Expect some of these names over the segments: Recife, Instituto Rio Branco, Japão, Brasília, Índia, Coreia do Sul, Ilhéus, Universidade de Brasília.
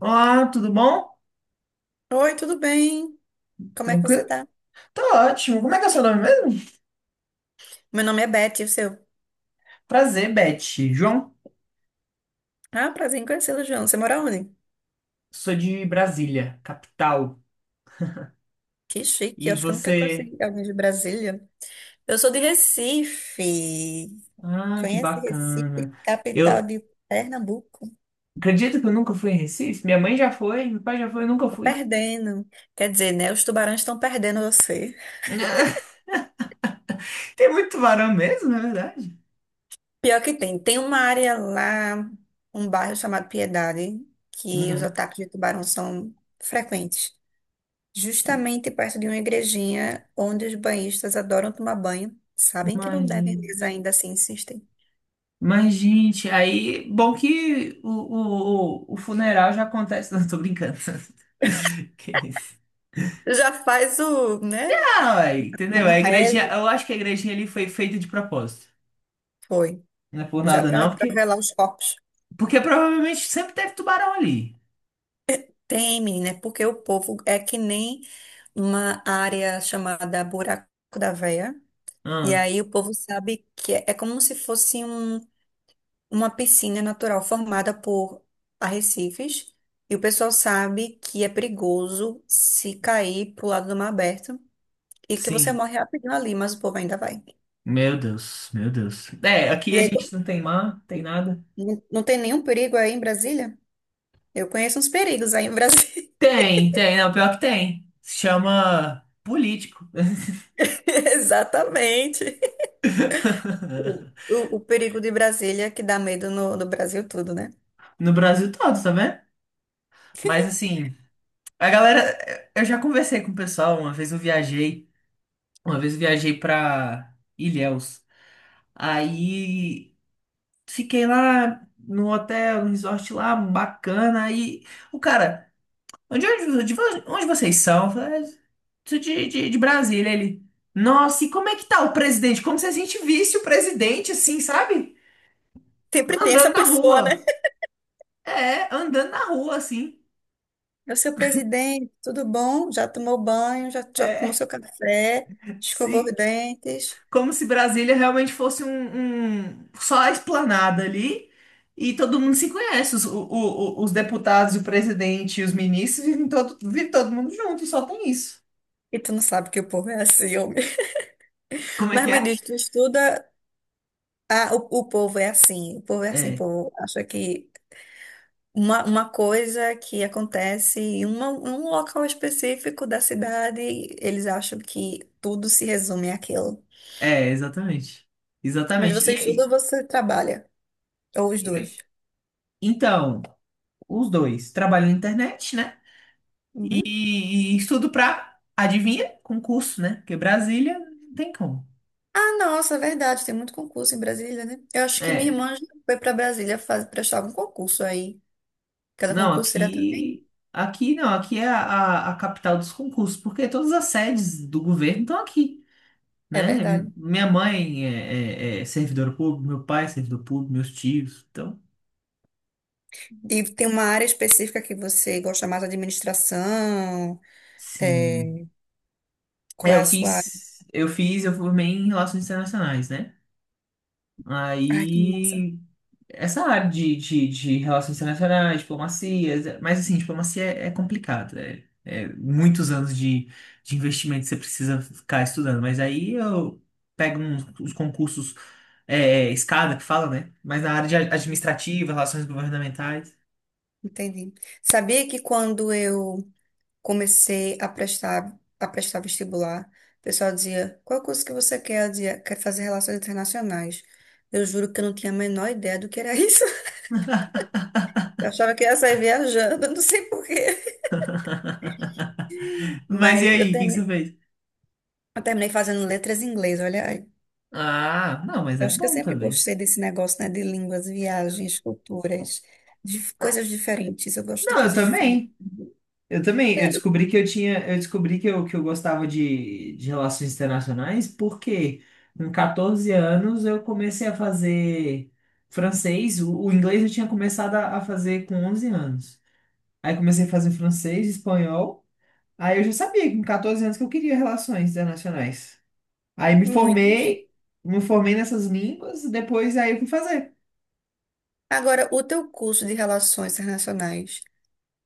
Olá, tudo bom? Oi, tudo bem? Como é que você Tranquilo? tá? Tô ótimo. Como é que é o seu nome mesmo? Meu nome é Beth, e o seu? Prazer, Beth. João, Ah, prazer em conhecê-lo, João. Você mora onde? sou de Brasília, capital. Que chique, E acho que eu nunca você? conheci alguém de Brasília. Eu sou de Recife. Ah, que Conhece bacana. Recife, capital Eu de Pernambuco? acredito que eu nunca fui em Recife. Minha mãe já foi, meu pai já foi, eu nunca Tô fui. perdendo. Quer dizer, né? Os tubarões estão perdendo você. Tem muito tubarão mesmo, na verdade? Pior que tem. Tem uma área lá, um bairro chamado Piedade, que os Uhum. ataques de tubarão são frequentes. Justamente perto de uma igrejinha onde os banhistas adoram tomar banho. Sabem que não Imagina. devem, mas ainda assim insistem. Mas, gente, aí, bom que o funeral já acontece. Não, tô brincando. Que isso. Já faz o, né? Ah, ué, entendeu? A Uma igrejinha, reza eu acho que a igrejinha ali foi feita de propósito. foi, Não é por já nada, para não, porque, velar os corpos. porque provavelmente sempre teve tubarão ali. Tem, menina, é porque o povo é que nem uma área chamada Buraco da Veia. E Ah, aí o povo sabe que é, é como se fosse uma piscina natural formada por arrecifes. E o pessoal sabe que é perigoso se cair pro lado do mar aberto. E que você sim. morre rapidinho ali, mas o povo ainda vai. Meu Deus, meu Deus. É, aqui E a aí, gente não tem mar, tem nada. não tem nenhum perigo aí em Brasília? Eu conheço uns perigos aí em Brasília. Tem, tem, não, pior que tem. Se chama político. Exatamente. O, o- o perigo de Brasília é que dá medo no Brasil tudo, né? No Brasil todo, tá vendo? Mas assim, a galera, eu já conversei com o pessoal, uma vez eu viajei pra Ilhéus. Aí, fiquei lá no hotel, no resort lá, bacana. E o cara, onde, é onde, de vo- onde vocês são? Eu falei, "Ah, sou de Brasília." Ele, nossa, e como é que tá o presidente? Como se a gente visse o presidente, assim, sabe? Sempre tem essa Andando na pessoa, né? rua. É, andando na rua, assim. É o seu presidente, tudo bom? Já tomou banho, já tomou É, seu café, escovou os sim. dentes. Como se Brasília realmente fosse só a esplanada ali e todo mundo se conhece, os deputados, e o presidente e os ministros vive todo mundo junto, só tem isso. E tu não sabe que o povo é assim, homem. Como é Mas que é? me diz, tu estuda. Ah, o povo é assim, o povo é assim, o É, povo acha que uma coisa que acontece em um local específico da cidade, eles acham que tudo se resume àquilo. Exatamente. Mas Exatamente. você estuda ou E, você trabalha? Ou os e- e- dois? então, os dois trabalham na internet, né? Uhum. E, e estudo pra, adivinha? Concurso, né? Porque Brasília não tem como. Ah, nossa, é verdade, tem muito concurso em Brasília, né? Eu acho que minha irmã já foi para Brasília fazer, prestar algum concurso aí. Cada Não, concurseira também. aqui. Aqui não, aqui é a, a capital dos concursos, porque todas as sedes do governo estão aqui, É né? verdade. Minha mãe é servidora pública, meu pai é servidor público, meus tios, então, E tem uma área específica que você gosta mais, administração, sim. é, É, qual é a sua... área? Eu formei em relações internacionais, né? Ai, que massa. Aí. Essa área de relações internacionais, diplomacia, mas assim, diplomacia é complicado. É muitos anos de investimento que você precisa ficar estudando. Mas aí eu pego uns, os concursos escada que fala, né? Mas na área de administrativa, relações governamentais. Entendi. Sabia que quando eu comecei a prestar vestibular. O pessoal dizia, qual curso que você quer? Eu dizia, quer fazer relações internacionais. Eu juro que eu não tinha a menor ideia do que era isso. Eu achava que ia sair viajando, não sei por quê. Mas e Mas aí, o que que você fez? eu terminei fazendo letras em inglês, olha aí. Ah, não, mas Eu é acho que eu bom sempre também. gostei desse negócio, né, de línguas, viagens, culturas, de coisas diferentes. Eu gosto de Não, eu coisas diferentes. também. Eu também, Sério, eu descobri que eu gostava de relações internacionais porque com 14 anos eu comecei a fazer francês, o inglês eu tinha começado a fazer com 11 anos. Aí comecei a fazer francês, espanhol, aí eu já sabia que com 14 anos que eu queria relações internacionais. Aí me muito. Chique. formei, me formei nessas línguas, depois aí eu fui fazer. Agora, o teu curso de relações internacionais,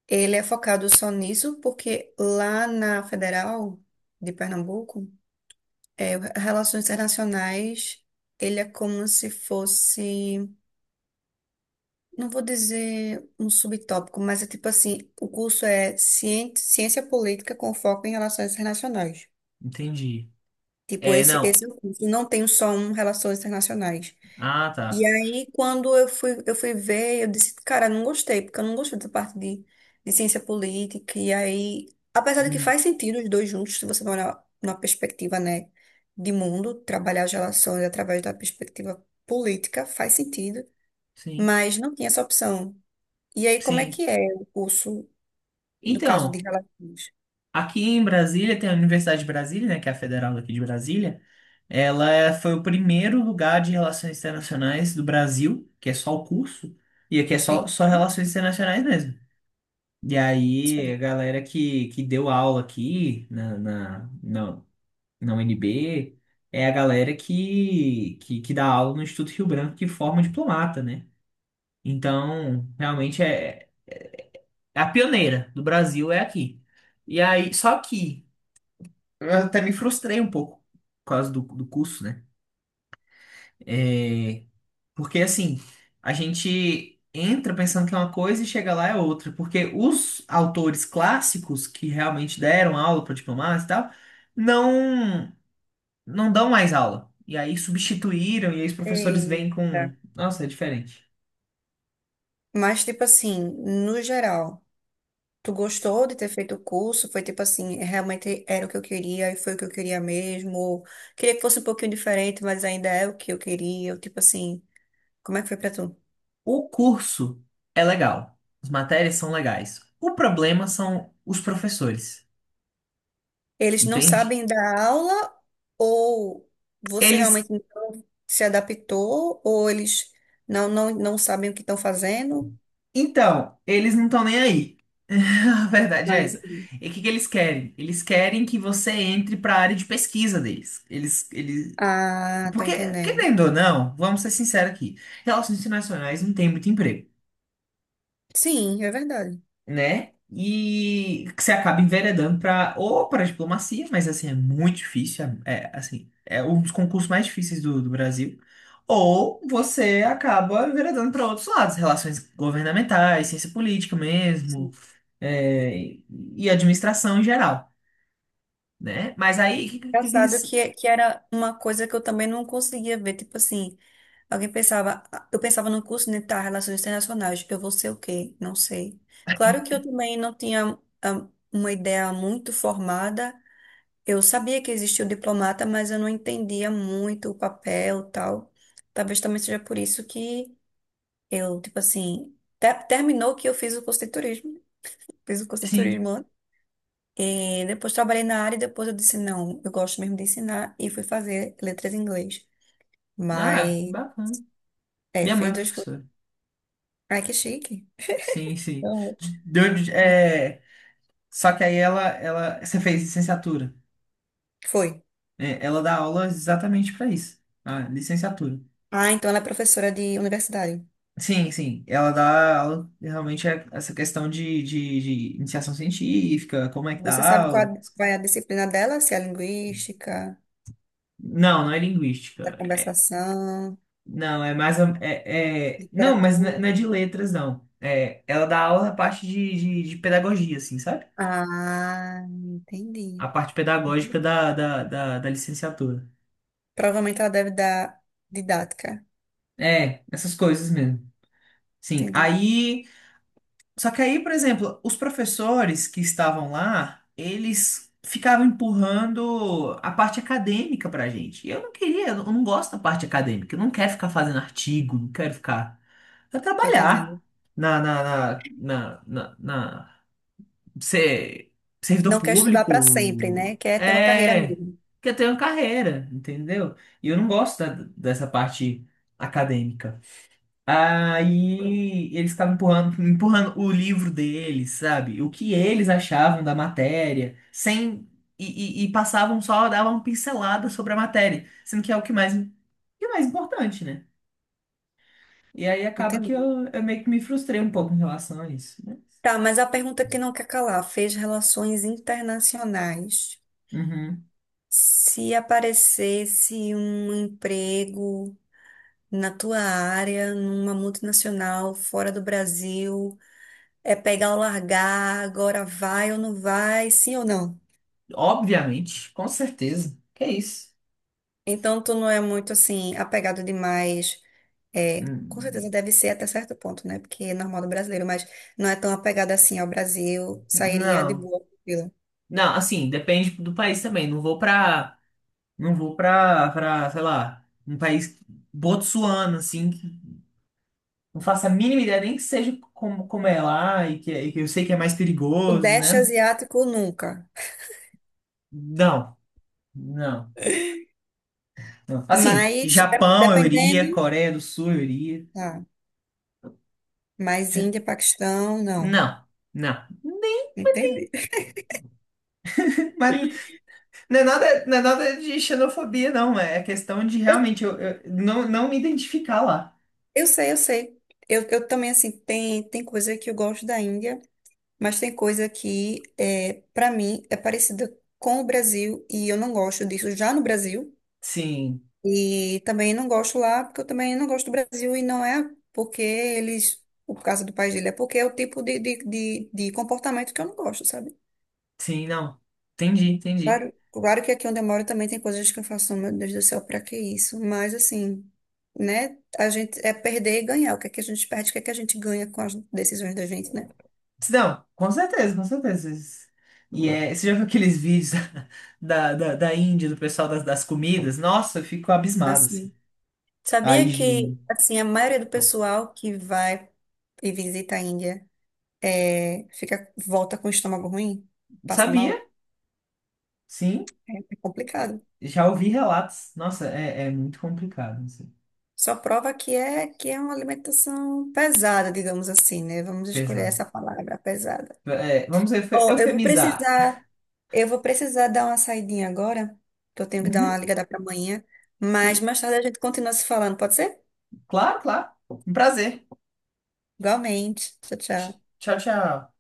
ele é focado só nisso porque lá na Federal de Pernambuco, é, Relações Internacionais, ele é como se fosse, não vou dizer um subtópico, mas é tipo assim, o curso é Ciência Política com foco em Relações Internacionais. Entendi. Tipo, É, esse, não. esse é o curso, não tem só um Relações Internacionais. Ah, E tá. aí, quando eu fui ver, eu disse, cara, não gostei, porque eu não gostei dessa parte de ciência política. E aí, apesar de que Uhum. faz sentido os dois juntos, se você for olhar numa perspectiva, né, de mundo, trabalhar as relações através da perspectiva política, faz sentido, Sim, mas não tinha essa opção. E aí, como é sim. que é o curso, no caso de Então, relações? aqui em Brasília tem a Universidade de Brasília, né, que é a federal aqui de Brasília. Ela foi o primeiro lugar de relações internacionais do Brasil, que é só o curso, e aqui é só, Sim, só relações internacionais mesmo. E aí, sim. a galera que deu aula aqui na UNB é a galera que dá aula no Instituto Rio Branco, que forma diplomata, né? Então, realmente é a pioneira do Brasil é aqui. E aí, só que eu até me frustrei um pouco por causa do curso, né? É, porque assim, a gente entra pensando que é uma coisa e chega lá é outra. Porque os autores clássicos que realmente deram aula para diplomatas e tal, não, não dão mais aula. E aí substituíram, e aí os professores vêm Eita. com. Nossa, é diferente. Mas, tipo assim, no geral. Tu gostou de ter feito o curso? Foi tipo assim, realmente era o que eu queria e foi o que eu queria mesmo? Ou queria que fosse um pouquinho diferente, mas ainda é o que eu queria? Ou tipo assim, como é que foi pra tu? O curso é legal, as matérias são legais. O problema são os professores, Eles não entende? sabem dar aula ou você realmente Eles não se adaptou ou eles não sabem o que estão fazendo? Então, eles não estão nem aí. A verdade Ah, é essa. entendi. E o que que eles querem? Eles querem que você entre para a área de pesquisa deles. Eles... Ah, tô Porque, entendendo. querendo ou não, vamos ser sinceros aqui, relações internacionais não tem muito emprego, Sim, é verdade. né? E que você acaba enveredando para ou para diplomacia, mas assim, é muito difícil, assim, é um dos concursos mais difíceis do Brasil. Ou você acaba enveredando para outros lados, relações governamentais, ciência política mesmo Sim. é, e administração em geral, né? Mas aí, o que que Engraçado eles... que, é, que era uma coisa que eu também não conseguia ver, tipo assim. Alguém pensava, "Ah, eu pensava no curso, né, tá, Relações Internacionais, eu vou ser o quê? Não sei. Claro que eu também não tinha uma ideia muito formada. Eu sabia que existia o diplomata, mas eu não entendia muito o papel, e tal. Talvez também seja por isso que eu, tipo assim, terminou que eu fiz o curso de turismo. Fiz o curso de Sim. turismo lá. E depois trabalhei na área e depois eu disse, não, eu gosto mesmo de ensinar e fui fazer letras em inglês. Ah, que Mas, bacana. é, Minha mãe fiz é dois cursos. professora. Ai, que chique. Sim, sim. Uhum. Deu, é, só que aí ela... Você fez licenciatura. Foi. É, ela dá aula exatamente para isso. Ah, licenciatura. Ah, então ela é professora de universidade. Sim, sim. Ela dá aula, realmente, é essa questão de iniciação científica, como é que Você dá sabe qual aula. Vai a disciplina dela? Se é linguística, Não, não é da linguística. conversação, Não, é mais. Não, mas não é literatura. não é de letras, não. É, ela dá aula na parte de pedagogia, assim, sabe? Ah, A entendi. parte pedagógica da licenciatura. Provavelmente ela deve dar didática. É, essas coisas mesmo. Sim. Entendi. Aí. Só que aí, por exemplo, os professores que estavam lá, eles ficavam empurrando a parte acadêmica pra gente. E eu não queria, eu não gosto da parte acadêmica. Eu não quero ficar fazendo artigo, não quero ficar. Eu quero Tô entendendo. trabalhar na, na, na, na, na, na- ser servidor Não quer estudar para sempre, né? público Quer ter uma carreira mesmo. quer ter uma carreira, entendeu? E eu não gosto dessa parte acadêmica. Aí eles estavam empurrando o livro deles, sabe? O que eles achavam da matéria, sem e, e passavam só, davam uma pincelada sobre a matéria, sendo que é o que é mais importante, né? E aí acaba que Entendi. eu meio que me frustrei um pouco em relação a isso, né? Tá, mas a pergunta que não quer calar fez relações internacionais. Uhum. Se aparecesse um emprego na tua área, numa multinacional, fora do Brasil, é pegar ou largar, agora vai ou não vai, sim ou não. Obviamente, com certeza. Que é isso. Então, tu não é muito assim, apegado demais. É, com certeza Hum, deve ser até certo ponto, né? Porque é normal do brasileiro, mas não é tão apegado assim ao Brasil, sairia de Não. boa. Tranquila. Não, assim, depende do país também. Não vou pra. Não vou pra, sei lá, um país botsuano, assim, que não faço a mínima ideia nem que seja como é lá e que eu sei que é mais O perigoso, Sudeste né? asiático, nunca. Não, não, não. Assim, Mas, Japão eu dependendo, iria, Coreia do Sul eu iria. tá. Mas Índia, Paquistão, não. Não, não. Entendi. Mas não é nada, não é nada de xenofobia, não. É questão de Eu realmente eu não me identificar lá. Eu sei, eu sei. Eu também, assim, tem coisa que eu gosto da Índia, mas tem coisa que, é, para mim, é parecida com o Brasil e eu não gosto disso já no Brasil. Sim. E também não gosto lá, porque eu também não gosto do Brasil e não é porque eles, por causa do país dele, é porque é o tipo de comportamento que eu não gosto, sabe? Sim, não. Entendi, entendi. Claro, claro que aqui onde eu moro também tem coisas que eu faço, "Oh, meu Deus do céu, pra que isso? Mas assim, né? A gente é perder e ganhar. O que é que a gente perde, o que é que a gente ganha com as decisões da gente, né? Não, com certeza, com certeza. E você já viu aqueles vídeos da Índia, do pessoal das comidas? Nossa, eu fico abismado, Assim, assim. A sabia que higiene. assim a maioria do pessoal que vai e visita a Índia é, fica volta com o estômago ruim, passa Sabia, mal, sim. é é complicado. Já ouvi relatos. Nossa, é muito complicado, assim. Só prova que é uma alimentação pesada, digamos assim, né? Vamos escolher Pesado. essa palavra, pesada. É, vamos Ó, eufemizar. Eu vou precisar dar uma saidinha agora, que eu tenho que dar Uhum, uma ligada para amanhã, mas sim, mais tarde a gente continua se falando, pode ser? claro, claro. Um prazer. Igualmente. Tchau, tchau. Tchau, tchau.